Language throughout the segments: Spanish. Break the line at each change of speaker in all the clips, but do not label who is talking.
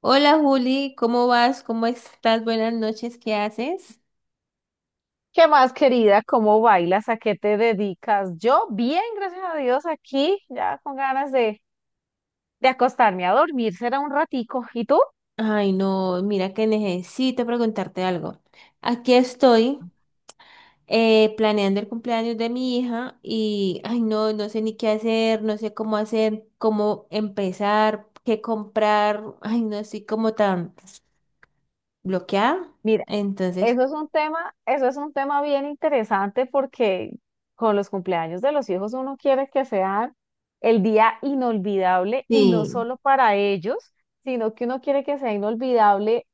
Hola Juli, ¿cómo vas? ¿Cómo estás? Buenas noches, ¿qué haces?
¿Qué más, querida? ¿Cómo bailas? ¿A qué te dedicas? Yo bien, gracias a Dios, aquí ya con ganas de acostarme a dormir, será un ratico. ¿Y tú?
Ay, no, mira que necesito preguntarte algo. Aquí estoy planeando el cumpleaños de mi hija y, ay, no, no sé ni qué hacer, no sé cómo hacer, cómo empezar, qué comprar. Ay, no estoy como tan bloqueada.
Mira,
Entonces,
eso es un tema, eso es un tema bien interesante porque con los cumpleaños de los hijos uno quiere que sean el día inolvidable y no
sí,
solo para ellos, sino que uno quiere que sea inolvidable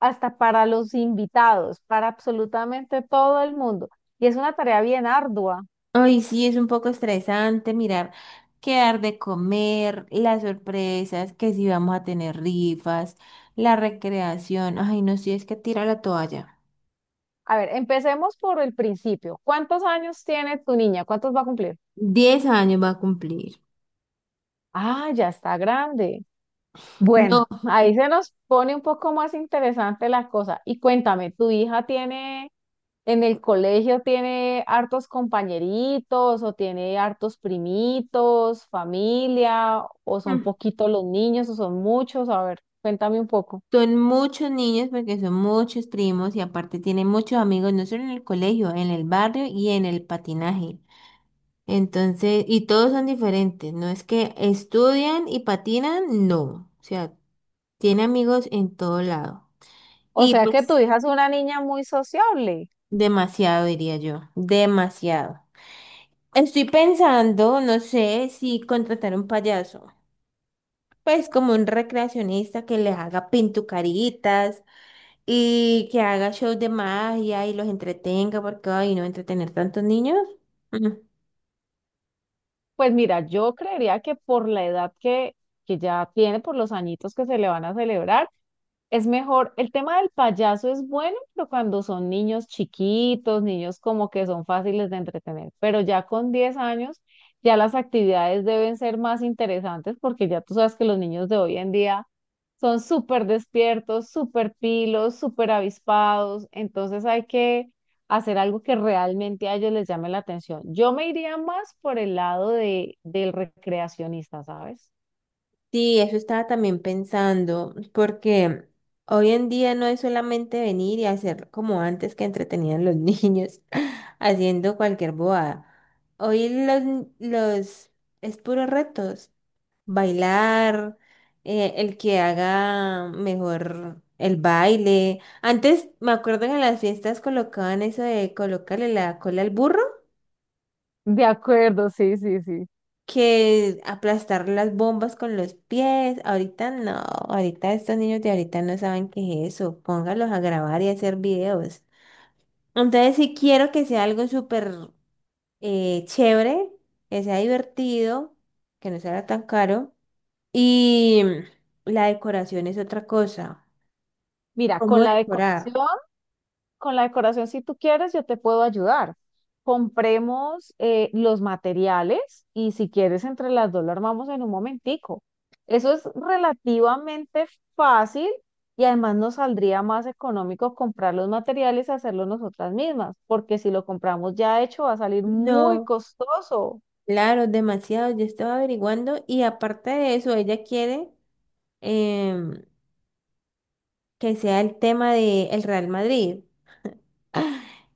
hasta para los invitados, para absolutamente todo el mundo. Y es una tarea bien ardua.
ay, sí, es un poco estresante mirar qué dar de comer, las sorpresas, que si vamos a tener rifas, la recreación. Ay, no, si es que tira la toalla.
A ver, empecemos por el principio. ¿Cuántos años tiene tu niña? ¿Cuántos va a cumplir?
10 años va a cumplir.
Ah, ya está grande.
No,
Bueno, ahí se nos pone un poco más interesante la cosa. Y cuéntame, ¿tu hija tiene en el colegio, tiene hartos compañeritos o tiene hartos primitos, familia, o son
mm,
poquitos los niños o son muchos? A ver, cuéntame un poco.
son muchos niños porque son muchos primos y aparte tienen muchos amigos, no solo en el colegio, en el barrio y en el patinaje. Entonces, y todos son diferentes, no es que estudian y patinan, no. O sea, tiene amigos en todo lado.
O
Y
sea que tu
pues
hija es una niña muy sociable.
demasiado, diría yo, demasiado. Estoy pensando, no sé, si contratar un payaso, pues como un recreacionista que les haga pintucaritas y que haga shows de magia y los entretenga, porque ay, no entretener tantos niños. Mm,
Pues mira, yo creería que por la edad que ya tiene, por los añitos que se le van a celebrar, es mejor, el tema del payaso es bueno, pero cuando son niños chiquitos, niños como que son fáciles de entretener, pero ya con 10 años, ya las actividades deben ser más interesantes porque ya tú sabes que los niños de hoy en día son súper despiertos, súper pilos, súper avispados, entonces hay que hacer algo que realmente a ellos les llame la atención. Yo me iría más por el lado de, del recreacionista, ¿sabes?
sí, eso estaba también pensando, porque hoy en día no es solamente venir y hacer como antes que entretenían los niños haciendo cualquier bobada. Hoy los es puros retos, bailar, el que haga mejor el baile. Antes me acuerdo que en las fiestas colocaban eso de colocarle la cola al burro
De acuerdo, sí, sí, sí.
que aplastar las bombas con los pies. Ahorita no, ahorita estos niños de ahorita no saben qué es eso. Póngalos a grabar y a hacer videos. Entonces, si quiero que sea algo súper chévere, que sea divertido, que no sea tan caro. Y la decoración es otra cosa.
Mira,
¿Cómo
con la
decorar?
decoración. Con la decoración, si tú quieres, yo te puedo ayudar. Compremos los materiales y si quieres, entre las dos lo armamos en un momentico. Eso es relativamente fácil y además nos saldría más económico comprar los materiales y hacerlo nosotras mismas, porque si lo compramos ya hecho va a salir muy
No,
costoso.
claro, demasiado. Yo estaba averiguando y aparte de eso, ella quiere em, que sea el tema del Real Madrid.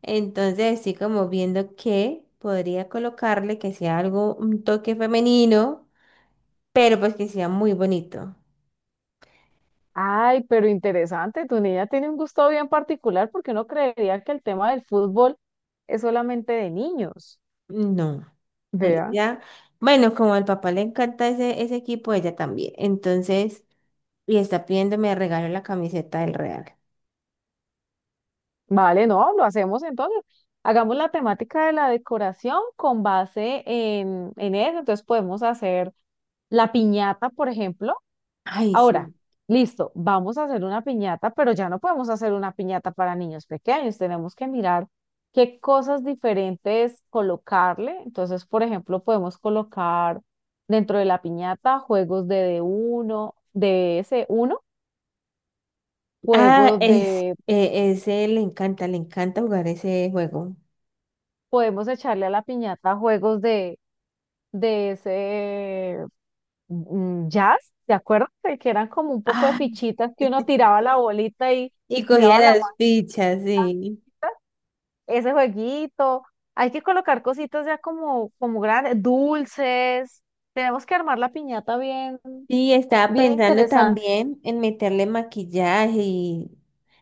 Entonces, sí, como viendo que podría colocarle que sea algo, un toque femenino, pero pues que sea muy bonito.
Ay, pero interesante, tu niña tiene un gusto bien particular porque uno creería que el tema del fútbol es solamente de niños.
No,
Vea.
ella, bueno, como al papá le encanta ese, ese equipo, ella también. Entonces, y está pidiéndome de regalo la camiseta del Real.
Vale, no, lo hacemos entonces. Hagamos la temática de la decoración con base en eso. Entonces podemos hacer la piñata, por ejemplo.
Ay,
Ahora,
sí.
listo, vamos a hacer una piñata, pero ya no podemos hacer una piñata para niños pequeños. Tenemos que mirar qué cosas diferentes colocarle. Entonces, por ejemplo, podemos colocar dentro de la piñata juegos de d uno de ese uno
Ah,
juegos
es,
de
ese le encanta jugar ese juego.
podemos echarle a la piñata juegos de ese jazz, ¿te acuerdas? Que eran como un poco de
Ah,
fichitas que uno tiraba la bolita
y
y
cogía
tiraba la
las fichas, sí.
maquita. Ese jueguito. Hay que colocar cositas ya como, como grandes, dulces. Tenemos que armar la piñata bien,
Sí, estaba
bien
pensando
interesante.
también en meterle maquillaje y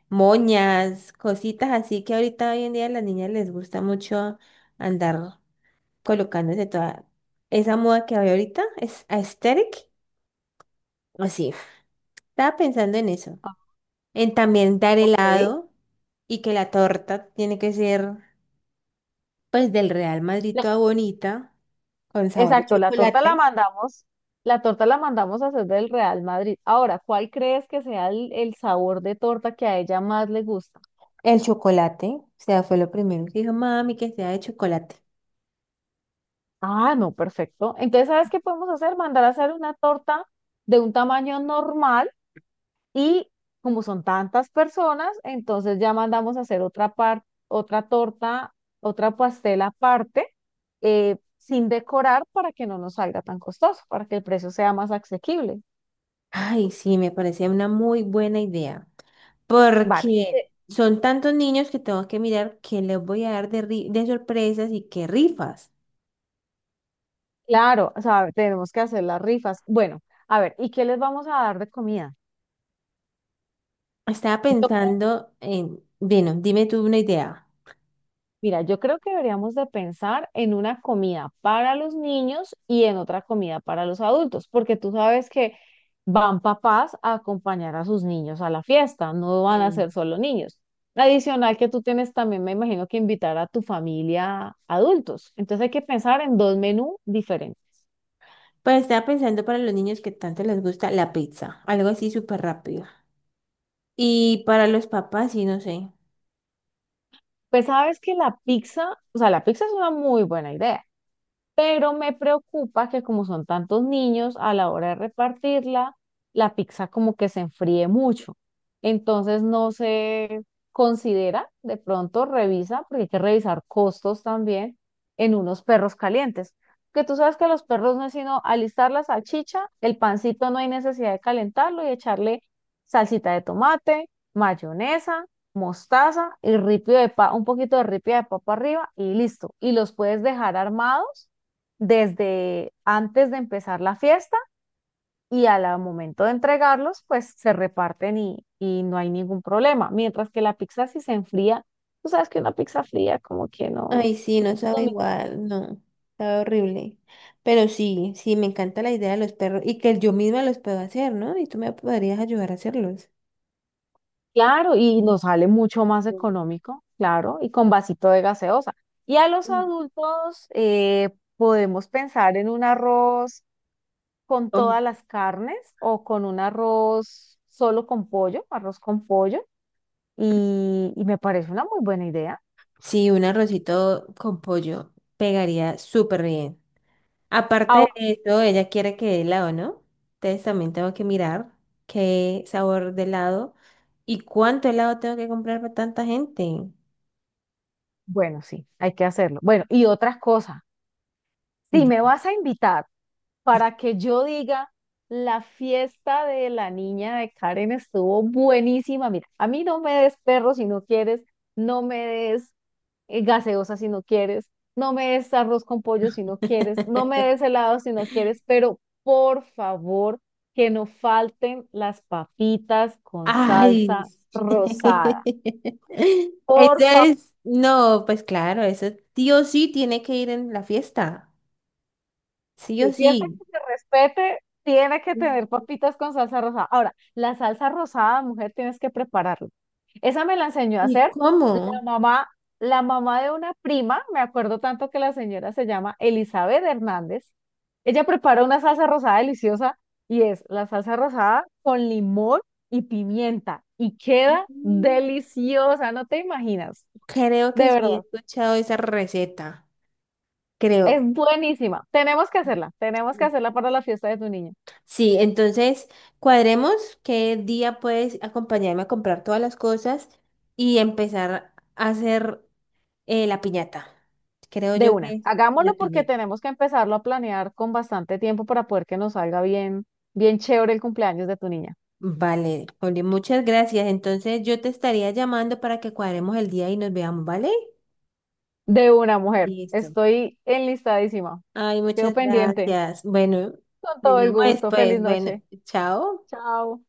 moñas, cositas así que ahorita hoy en día a las niñas les gusta mucho andar colocándose toda esa moda que hay ahorita, es aesthetic. Así, estaba pensando en eso,
Ah,
en también dar
ok.
helado y que la torta tiene que ser pues del Real Madrid toda bonita, con sabor a
Exacto, la torta la
chocolate.
mandamos, la torta la mandamos a hacer del Real Madrid. Ahora, ¿cuál crees que sea el sabor de torta que a ella más le gusta?
El chocolate, o sea, fue lo primero que dijo mami que sea de chocolate.
Ah, no, perfecto. Entonces, ¿sabes qué podemos hacer? Mandar a hacer una torta de un tamaño normal y como son tantas personas, entonces ya mandamos a hacer otra torta, otra pastel aparte, sin decorar para que no nos salga tan costoso, para que el precio sea más asequible.
Ay, sí, me parece una muy buena idea,
Vale.
porque son tantos niños que tengo que mirar qué les voy a dar de, de sorpresas y qué rifas.
Claro, o sea, tenemos que hacer las rifas. Bueno, a ver, ¿y qué les vamos a dar de comida?
Estaba
Yo creo,
pensando en, bueno, dime tú una idea.
mira, yo creo que deberíamos de pensar en una comida para los niños y en otra comida para los adultos, porque tú sabes que van papás a acompañar a sus niños a la fiesta, no van a
Sí.
ser solo niños. Adicional que tú tienes también, me imagino que invitar a tu familia adultos. Entonces hay que pensar en 2 menús diferentes.
Pues estaba pensando para los niños que tanto les gusta la pizza, algo así súper rápido. Y para los papás, sí, no sé.
Pues sabes que la pizza, o sea, la pizza es una muy buena idea pero me preocupa que como son tantos niños, a la hora de repartirla, la pizza como que se enfríe mucho. Entonces no se considera, de pronto revisa, porque hay que revisar costos también en unos perros calientes. Que tú sabes que los perros no es sino alistar la salchicha, el pancito no hay necesidad de calentarlo y echarle salsita de tomate, mayonesa, mostaza y un poquito de ripio de papa arriba y listo. Y los puedes dejar armados desde antes de empezar la fiesta y al momento de entregarlos, pues se reparten y no hay ningún problema. Mientras que la pizza si se enfría, tú sabes que una pizza fría como que no,
Ay, sí, no sabe
también,
igual, no, sabe horrible. Pero sí, sí, me encanta la idea de los perros y que yo misma los puedo hacer, ¿no? Y tú me podrías ayudar a hacerlos.
claro, y nos sale mucho más económico, claro, y con vasito de gaseosa. Y a los adultos podemos pensar en un arroz con
Um,
todas las carnes o con un arroz solo con pollo, arroz con pollo, y me parece una muy buena idea.
Sí, un arrocito con pollo pegaría súper bien. Aparte de eso, ella quiere que dé helado, ¿no? Entonces también tengo que mirar qué sabor de helado y cuánto helado tengo que comprar para tanta gente.
Bueno, sí, hay que hacerlo. Bueno, y otras cosas. Si me vas a invitar para que yo diga, la fiesta de la niña de Karen estuvo buenísima. Mira, a mí no me des perro si no quieres, no me des gaseosa si no quieres, no me des arroz con pollo si no quieres, no me des helado si no quieres, pero por favor que no falten las papitas con
Ay.
salsa rosada.
Eso
Por favor.
es, no, pues claro, eso sí o sí tiene que ir en la fiesta. Sí
Y
o sí.
fiesta que se respete tiene que tener papitas con salsa rosada. Ahora, la salsa rosada, mujer, tienes que prepararla. Esa me la enseñó a
¿Y
hacer la
cómo?
mamá, la mamá de una prima, me acuerdo tanto que la señora se llama Elizabeth Hernández. Ella prepara una salsa rosada deliciosa y es la salsa rosada con limón y pimienta y queda deliciosa, no te imaginas,
Creo que
de
sí he
verdad,
escuchado esa receta.
es
Creo.
buenísima. Tenemos que hacerla para la fiesta de tu niño.
Sí, entonces cuadremos qué día puedes acompañarme a comprar todas las cosas y empezar a hacer la piñata. Creo
De
yo que
una,
es la
hagámoslo porque
piñata.
tenemos que empezarlo a planear con bastante tiempo para poder que nos salga bien, bien chévere el cumpleaños de tu niña.
Vale, Oli, muchas gracias. Entonces yo te estaría llamando para que cuadremos el día y nos veamos, ¿vale?
De una, mujer.
Listo.
Estoy enlistadísima.
Ay,
Quedo
muchas
pendiente.
gracias. Bueno,
Con
te
todo el
llamo
gusto. Feliz
después. Bueno,
noche.
chao.
Chao.